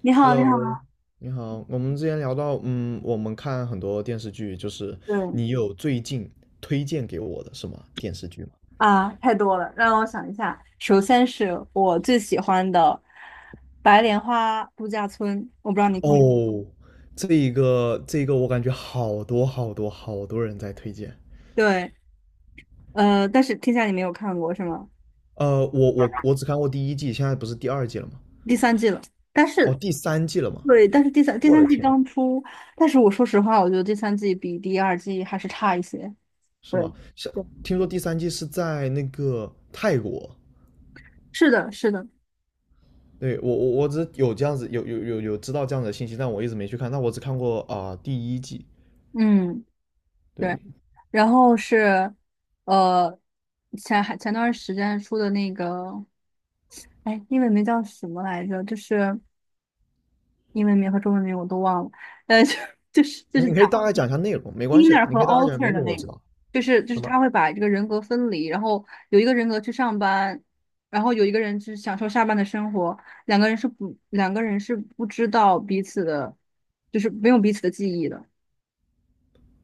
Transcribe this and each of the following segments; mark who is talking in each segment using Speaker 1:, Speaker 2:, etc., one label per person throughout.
Speaker 1: 你好，你好，
Speaker 2: Hello，你好。我们之前聊到，我们看很多电视剧，就是
Speaker 1: 对
Speaker 2: 你有最近推荐给我的什么电视剧吗？
Speaker 1: 啊，太多了，让我想一下。首先是我最喜欢的《白莲花度假村》，我不知道你看过。
Speaker 2: 哦，这一个我感觉好多好多好多人在推荐。
Speaker 1: 对，但是天下你没有看过是吗？
Speaker 2: 我只看过第一季，现在不是第二季了吗？
Speaker 1: 第三季了，但
Speaker 2: 哦，
Speaker 1: 是
Speaker 2: 第三季了吗？
Speaker 1: 对，但是第三第
Speaker 2: 我的
Speaker 1: 三季
Speaker 2: 天，
Speaker 1: 刚出，但是我说实话，我觉得第三季比第二季还是差一些。
Speaker 2: 是
Speaker 1: 对，
Speaker 2: 吗？像
Speaker 1: 对，
Speaker 2: 听说第三季是在那个泰国。
Speaker 1: 是的，是的，
Speaker 2: 对，我只有这样子有知道这样的信息，但我一直没去看。但我只看过第一季。
Speaker 1: 嗯，对。
Speaker 2: 对，
Speaker 1: 然后是，呃，前段时间出的那个。哎，英文名叫什么来着？就是英文名和中文名我都忘了。呃，就 就是
Speaker 2: 你可
Speaker 1: 讲
Speaker 2: 以大概讲一下内容，没关系的，
Speaker 1: inner
Speaker 2: 你
Speaker 1: 和
Speaker 2: 可以大概讲，没
Speaker 1: outer 的
Speaker 2: 容，我
Speaker 1: 那
Speaker 2: 知
Speaker 1: 个，
Speaker 2: 道
Speaker 1: 就是
Speaker 2: 什么。
Speaker 1: 他会把这个人格分离，然后有一个人格去上班，然后有一个人去享受下班的生活，两个人是不知道彼此的，就是没有彼此的记忆的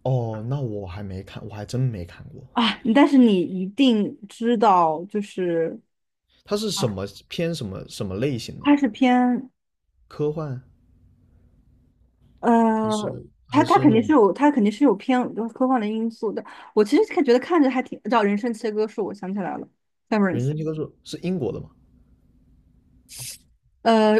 Speaker 2: 哦，那我还没看，我还真没看过。
Speaker 1: 啊。但是你一定知道，就是
Speaker 2: 它是什么偏什么什么类型的？
Speaker 1: 它是偏。
Speaker 2: 科幻还是
Speaker 1: 呃，他
Speaker 2: 还
Speaker 1: 他
Speaker 2: 是
Speaker 1: 肯
Speaker 2: 那
Speaker 1: 定
Speaker 2: 种
Speaker 1: 是有，他肯定是有偏就是科幻的因素的。我其实觉得看着还挺，叫《人生切割术》，我想起来了
Speaker 2: 人
Speaker 1: ，Severance。
Speaker 2: 生教科书？是英国的吗？
Speaker 1: 呃，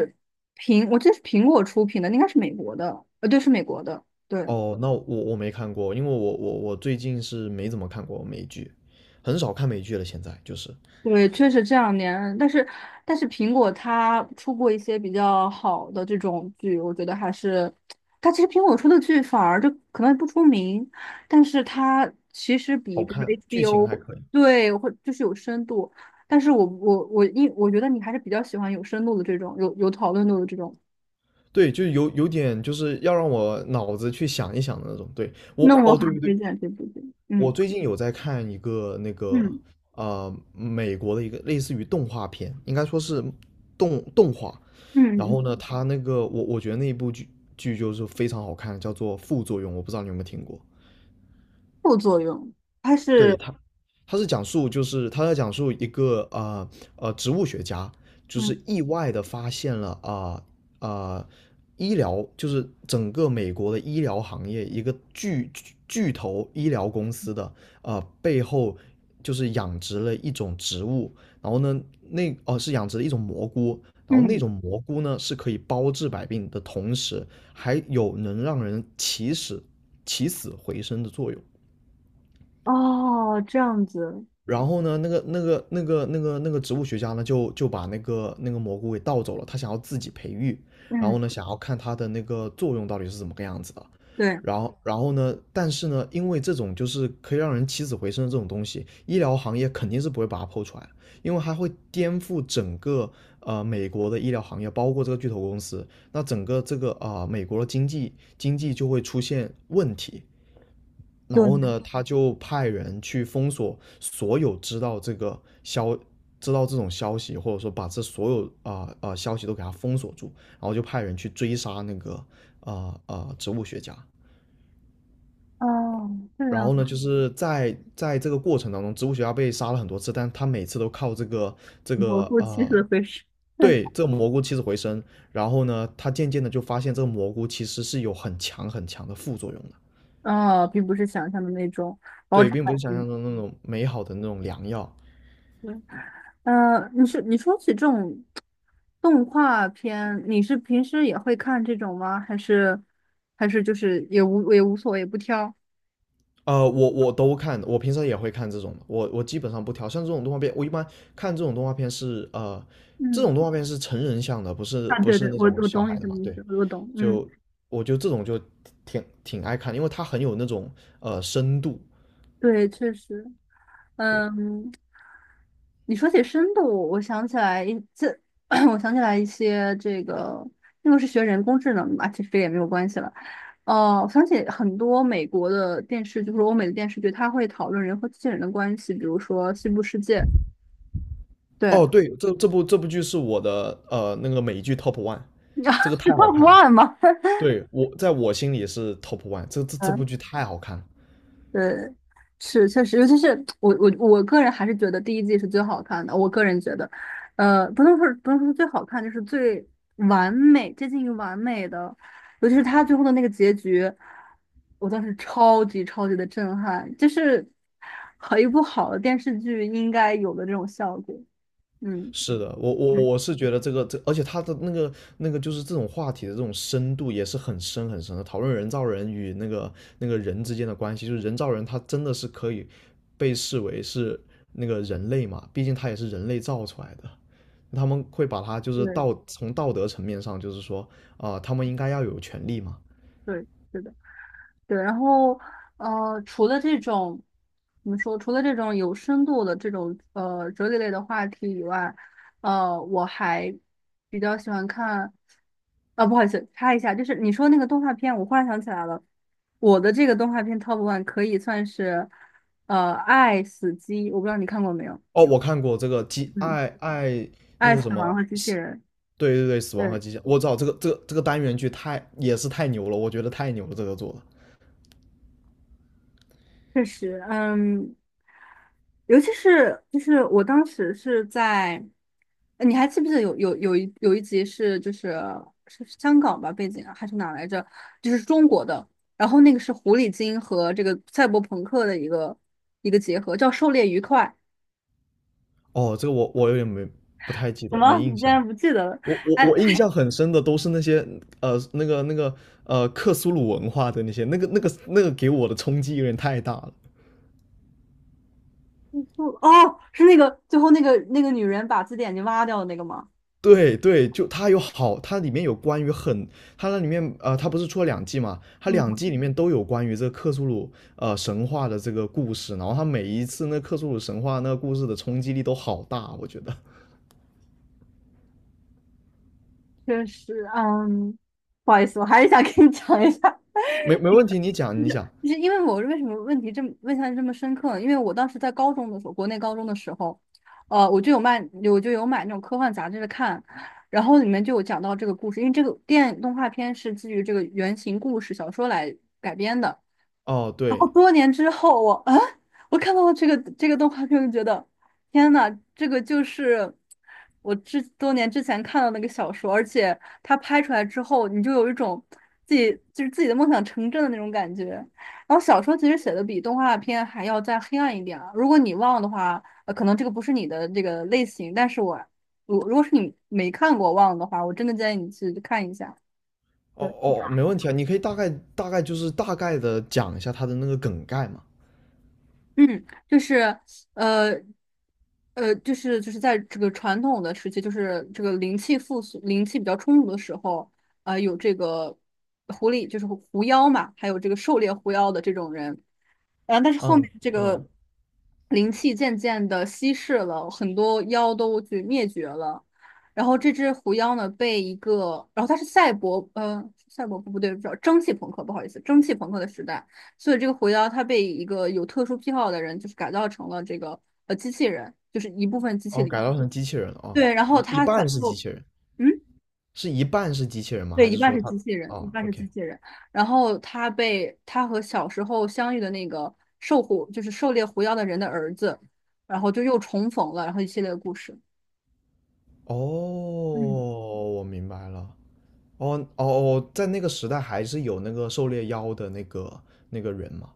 Speaker 1: 我这是苹果出品的，应该是美国的，对，是美国的，对。
Speaker 2: 哦，那我没看过，因为我最近是没怎么看过美剧，很少看美剧了。现在就是
Speaker 1: 对，确实这两年，但是苹果它出过一些比较好的这种剧，我觉得还是，它其实苹果出的剧反而就可能不出名，但是它其实
Speaker 2: 好
Speaker 1: 比如说
Speaker 2: 看，剧情还
Speaker 1: HBO，
Speaker 2: 可以。
Speaker 1: 对，或就是有深度，但是我觉得你还是比较喜欢有深度的这种，有讨论度的这种，
Speaker 2: 对，就是有点就是要让我脑子去想一想的那种。对我，
Speaker 1: 那我
Speaker 2: 哦，对
Speaker 1: 很
Speaker 2: 对对，
Speaker 1: 推荐这部剧。
Speaker 2: 我
Speaker 1: 嗯
Speaker 2: 最近有在看一个那个
Speaker 1: 嗯
Speaker 2: 美国的一个类似于动画片，应该说是动画。
Speaker 1: 嗯，
Speaker 2: 然后呢，它那个我觉得那一部剧就是非常好看，叫做《副作用》，我不知道你有没有听过。
Speaker 1: 副作用，它
Speaker 2: 对
Speaker 1: 是
Speaker 2: 他，他是讲述就是他在讲述一个植物学家，就是
Speaker 1: 嗯
Speaker 2: 意外的发现了呃呃医疗就是整个美国的医疗行业一个巨头医疗公司的呃背后就是养殖了一种植物，然后呢是养殖了一种蘑菇。然后那
Speaker 1: 嗯
Speaker 2: 种蘑菇呢，是可以包治百病的同时，还有能让人起死回生的作用。
Speaker 1: 哦，这样子。
Speaker 2: 然后呢，那个植物学家呢，就把那个蘑菇给盗走了，他想要自己培育，然后呢，
Speaker 1: 嗯，
Speaker 2: 想要看它的那个作用到底是怎么个样子的。
Speaker 1: 对
Speaker 2: 然后呢？但是呢，因为这种就是可以让人起死回生的这种东西，医疗行业肯定是不会把它剖出来因为它会颠覆整个呃美国的医疗行业，包括这个巨头公司，那整个这个美国的经济就会出现问题。然后
Speaker 1: 对。
Speaker 2: 呢，他就派人去封锁所有知道这个知道这种消息，或者说把这所有消息都给他封锁住，然后就派人去追杀那个植物学家。
Speaker 1: 哦，这
Speaker 2: 然
Speaker 1: 样
Speaker 2: 后呢，
Speaker 1: 啊，
Speaker 2: 就是在这个过程当中，植物学家被杀了很多次，但他每次都靠这个这
Speaker 1: 我
Speaker 2: 个
Speaker 1: 过期
Speaker 2: 呃，
Speaker 1: 的会是，
Speaker 2: 对 这个蘑菇起死回生。然后呢，他渐渐的就发现这个蘑菇其实是有很强的副作用的，
Speaker 1: 啊，并不是想象的那种包
Speaker 2: 对，
Speaker 1: 场
Speaker 2: 并不是
Speaker 1: 满
Speaker 2: 想
Speaker 1: 意。
Speaker 2: 象中那种美好的那种良药。
Speaker 1: 对，你说起这种动画片，你是平时也会看这种吗？还是就是也无所谓，不挑？
Speaker 2: 我都看，我平常也会看这种的，我基本上不挑，像这种动画片，我一般看这种动画片是这
Speaker 1: 嗯，
Speaker 2: 种动画片是成人向的，
Speaker 1: 啊，
Speaker 2: 不
Speaker 1: 对
Speaker 2: 是
Speaker 1: 对，
Speaker 2: 那
Speaker 1: 我
Speaker 2: 种
Speaker 1: 我
Speaker 2: 小
Speaker 1: 懂你
Speaker 2: 孩的
Speaker 1: 什么
Speaker 2: 嘛，
Speaker 1: 意
Speaker 2: 对，
Speaker 1: 思，我懂，嗯，
Speaker 2: 就我就这种就挺爱看，因为它很有那种呃深度，
Speaker 1: 对，确实，
Speaker 2: 对，
Speaker 1: 嗯，你说起深度，我想起来一这，我想起来一些这个，那个是学人工智能的嘛，其实这也没有关系了。哦，我想起很多美国的电视，就是欧美的电视剧，它会讨论人和机器人的关系，比如说《西部世界》，对，
Speaker 2: 哦对，这部剧是我的呃那个美剧 top one，
Speaker 1: 你知道
Speaker 2: 这个太好
Speaker 1: Top
Speaker 2: 看了，
Speaker 1: One 吗？
Speaker 2: 对，我在我心里是 top one，这部剧 太好看了，
Speaker 1: 对，是确实，尤其是我个人还是觉得第一季是最好看的。我个人觉得，不能说是最好看，就是最完美，接近于完美的。尤其是他最后的那个结局，我当时超级超级的震撼，就是和一部好的电视剧应该有的这种效果。嗯，
Speaker 2: 是的，我是觉得这个这，而且他的那个就是这种话题的这种深度也是很深的，讨论人造人与那个人之间的关系，就是人造人他真的是可以被视为是那个人类嘛，毕竟他也是人类造出来的，他们会把他就是
Speaker 1: 对
Speaker 2: 从道德层面上就是说他们应该要有权利嘛。
Speaker 1: 对，是的。对，然后除了这种怎么说，除了这种有深度的这种哲理类的话题以外，我还比较喜欢看。啊，不好意思，插一下，就是你说那个动画片，我忽然想起来了，我的这个动画片 Top One 可以算是《爱死机》，我不知道你看过没有？
Speaker 2: 哦，我看过这个《机
Speaker 1: 嗯，
Speaker 2: 爱那
Speaker 1: 《爱
Speaker 2: 个
Speaker 1: 死
Speaker 2: 什
Speaker 1: 亡
Speaker 2: 么》，
Speaker 1: 和机器人》。
Speaker 2: 对对对，《死亡和
Speaker 1: 对。
Speaker 2: 机械》，我知道这个单元剧太也是太牛了，我觉得太牛了，这个做的。
Speaker 1: 确实，嗯，尤其是就是我当时是在，你还记不记得有一集是香港吧背景啊还是哪来着？就是中国的，然后那个是狐狸精和这个赛博朋克的一个结合，叫《狩猎愉快》。
Speaker 2: 哦，这个我有点没不太记
Speaker 1: 什
Speaker 2: 得，没
Speaker 1: 么？你
Speaker 2: 印
Speaker 1: 竟
Speaker 2: 象。
Speaker 1: 然不记得了？
Speaker 2: 我我
Speaker 1: 哎，
Speaker 2: 我印象很深的都是那些呃那个那个克苏鲁文化的那些，那个给我的冲击有点太大了。
Speaker 1: 不，哦，是那个最后那个女人把自己眼睛挖掉的那个吗？
Speaker 2: 对对，就它有好，它里面有关于很，它那里面呃，它不是出了两季嘛？它两
Speaker 1: 嗯，
Speaker 2: 季里面都有关于这个克苏鲁呃神话的这个故事，然后它每一次那克苏鲁神话那个故事的冲击力都好大，我觉得。
Speaker 1: 确实，嗯，不好意思，我还是想跟你讲一下。
Speaker 2: 没问题，你讲。
Speaker 1: 就是因为我为什么问题这么问下来这么深刻呢？因为我当时在高中的时候，国内高中的时候，我就有买那种科幻杂志看，然后里面就有讲到这个故事，因为这个电影动画片是基于这个原型故事小说来改编的。
Speaker 2: 哦，
Speaker 1: 然后
Speaker 2: 对，
Speaker 1: 多年之后我看到了这个动画片，我就觉得天呐，这个就是多年之前看到那个小说，而且它拍出来之后，你就有一种自己的梦想成真的那种感觉。然后小说其实写的比动画片还要再黑暗一点啊，如果你忘的话，可能这个不是你的这个类型，但是我如果是你没看过忘的话，我真的建议你去看一下。
Speaker 2: 哦
Speaker 1: 对。
Speaker 2: 哦，没问题啊，你可以大概的讲一下它的那个梗概嘛。
Speaker 1: 嗯，就是呃就是在这个传统的时期，就是这个灵气复苏、灵气比较充足的时候，啊，有这个狐狸，就是狐妖嘛，还有这个狩猎狐妖的这种人，啊，但是后面
Speaker 2: 嗯
Speaker 1: 这
Speaker 2: 嗯，
Speaker 1: 个灵气渐渐的稀释了，很多妖都去灭绝了，然后这只狐妖呢，被一个，然后它是赛博，赛博不对，不知道蒸汽朋克，不好意思，蒸汽朋克的时代。所以这个狐妖它被一个有特殊癖好的人，就是改造成了这个机器人，就是一部分机器
Speaker 2: 哦，
Speaker 1: 里。
Speaker 2: 改造成机器人了啊，
Speaker 1: 对，然后
Speaker 2: 一
Speaker 1: 他小
Speaker 2: 半
Speaker 1: 时
Speaker 2: 是机
Speaker 1: 候，
Speaker 2: 器人，
Speaker 1: 嗯，
Speaker 2: 是一半是机器人吗？
Speaker 1: 对，
Speaker 2: 还
Speaker 1: 一
Speaker 2: 是
Speaker 1: 半
Speaker 2: 说
Speaker 1: 是
Speaker 2: 它？
Speaker 1: 机器人，一
Speaker 2: 哦
Speaker 1: 半是
Speaker 2: ，OK，
Speaker 1: 机器人。然后他被他和小时候相遇的那个狩狐，就是狩猎狐妖的人的儿子，然后就又重逢了，然后一系列的故事。
Speaker 2: 哦，
Speaker 1: 嗯，
Speaker 2: 我明白了。哦，在那个时代还是有那个狩猎妖的那个人嘛。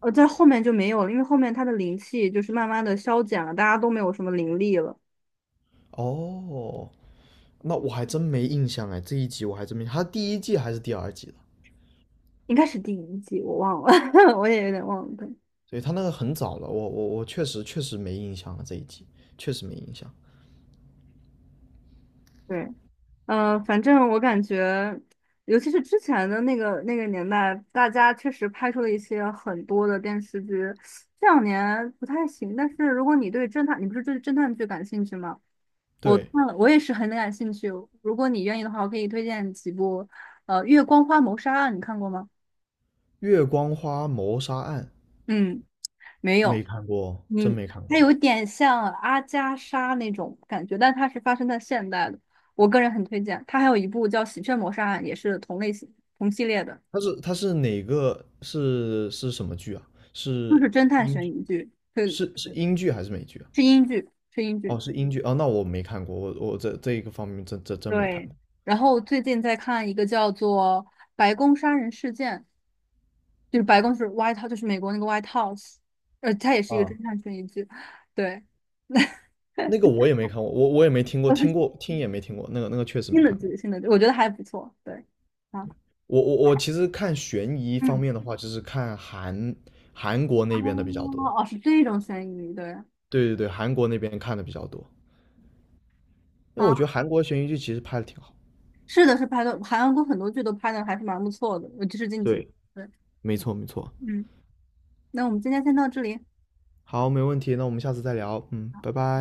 Speaker 1: 在后面就没有了，因为后面他的灵气就是慢慢的消减了，大家都没有什么灵力了。
Speaker 2: 哦，那我还真没印象哎，这一集我还真没，他第一季还是第二季的，
Speaker 1: 应该是第一季，我忘了，我也有点忘了。对
Speaker 2: 所以他那个很早了，我确实确实没印象了，这一集确实没印象。
Speaker 1: 对，反正我感觉，尤其是之前的那个年代，大家确实拍出了一些很多的电视剧，这两年不太行。但是如果你对侦探，你不是对侦探剧感兴趣吗？我
Speaker 2: 对，
Speaker 1: 看了，我也是很感兴趣。如果你愿意的话，我可以推荐几部。《月光花谋杀案》你看过吗？
Speaker 2: 《月光花谋杀案》
Speaker 1: 嗯，没
Speaker 2: 没
Speaker 1: 有。
Speaker 2: 看过，真
Speaker 1: 你
Speaker 2: 没看
Speaker 1: 它
Speaker 2: 过。
Speaker 1: 有点像阿加莎那种感觉，但它是发生在现代的。我个人很推荐。它还有一部叫《喜鹊谋杀案》，也是同类型、同系列的。
Speaker 2: 它是哪个是什么剧啊？
Speaker 1: 就
Speaker 2: 是
Speaker 1: 是侦探
Speaker 2: 英
Speaker 1: 悬
Speaker 2: 剧
Speaker 1: 疑剧，是
Speaker 2: 是英剧还是美剧啊？
Speaker 1: 是英剧，是英
Speaker 2: 哦，
Speaker 1: 剧。
Speaker 2: 是英剧哦，那我没看过，我这这一个方面真没看
Speaker 1: 对，
Speaker 2: 过
Speaker 1: 然后最近在看一个叫做《白宫杀人事件》，就是白宫是外套，就是美国那个 White House，它也是一个
Speaker 2: 啊。
Speaker 1: 侦探悬疑剧。对，
Speaker 2: 那个我也没看过，我也没听过，听也没听过，那个确实没
Speaker 1: 新的
Speaker 2: 看过。
Speaker 1: 剧，新的剧，我觉得还不错，对，啊，
Speaker 2: 我其实看悬疑方
Speaker 1: 嗯，
Speaker 2: 面的话，就是看韩国
Speaker 1: 哦，
Speaker 2: 那边的比较多。
Speaker 1: 哦，是这种悬疑，对，
Speaker 2: 对对对，韩国那边看的比较多，因为我觉得
Speaker 1: 好，
Speaker 2: 韩国悬疑剧其实拍的挺好。
Speaker 1: 是的，是拍的，韩国很多剧都拍的还是蛮不错的，尤其是近几年
Speaker 2: 对，
Speaker 1: 对，
Speaker 2: 没错没错。
Speaker 1: 嗯，那我们今天先到这里。
Speaker 2: 好，没问题，那我们下次再聊。嗯，拜拜。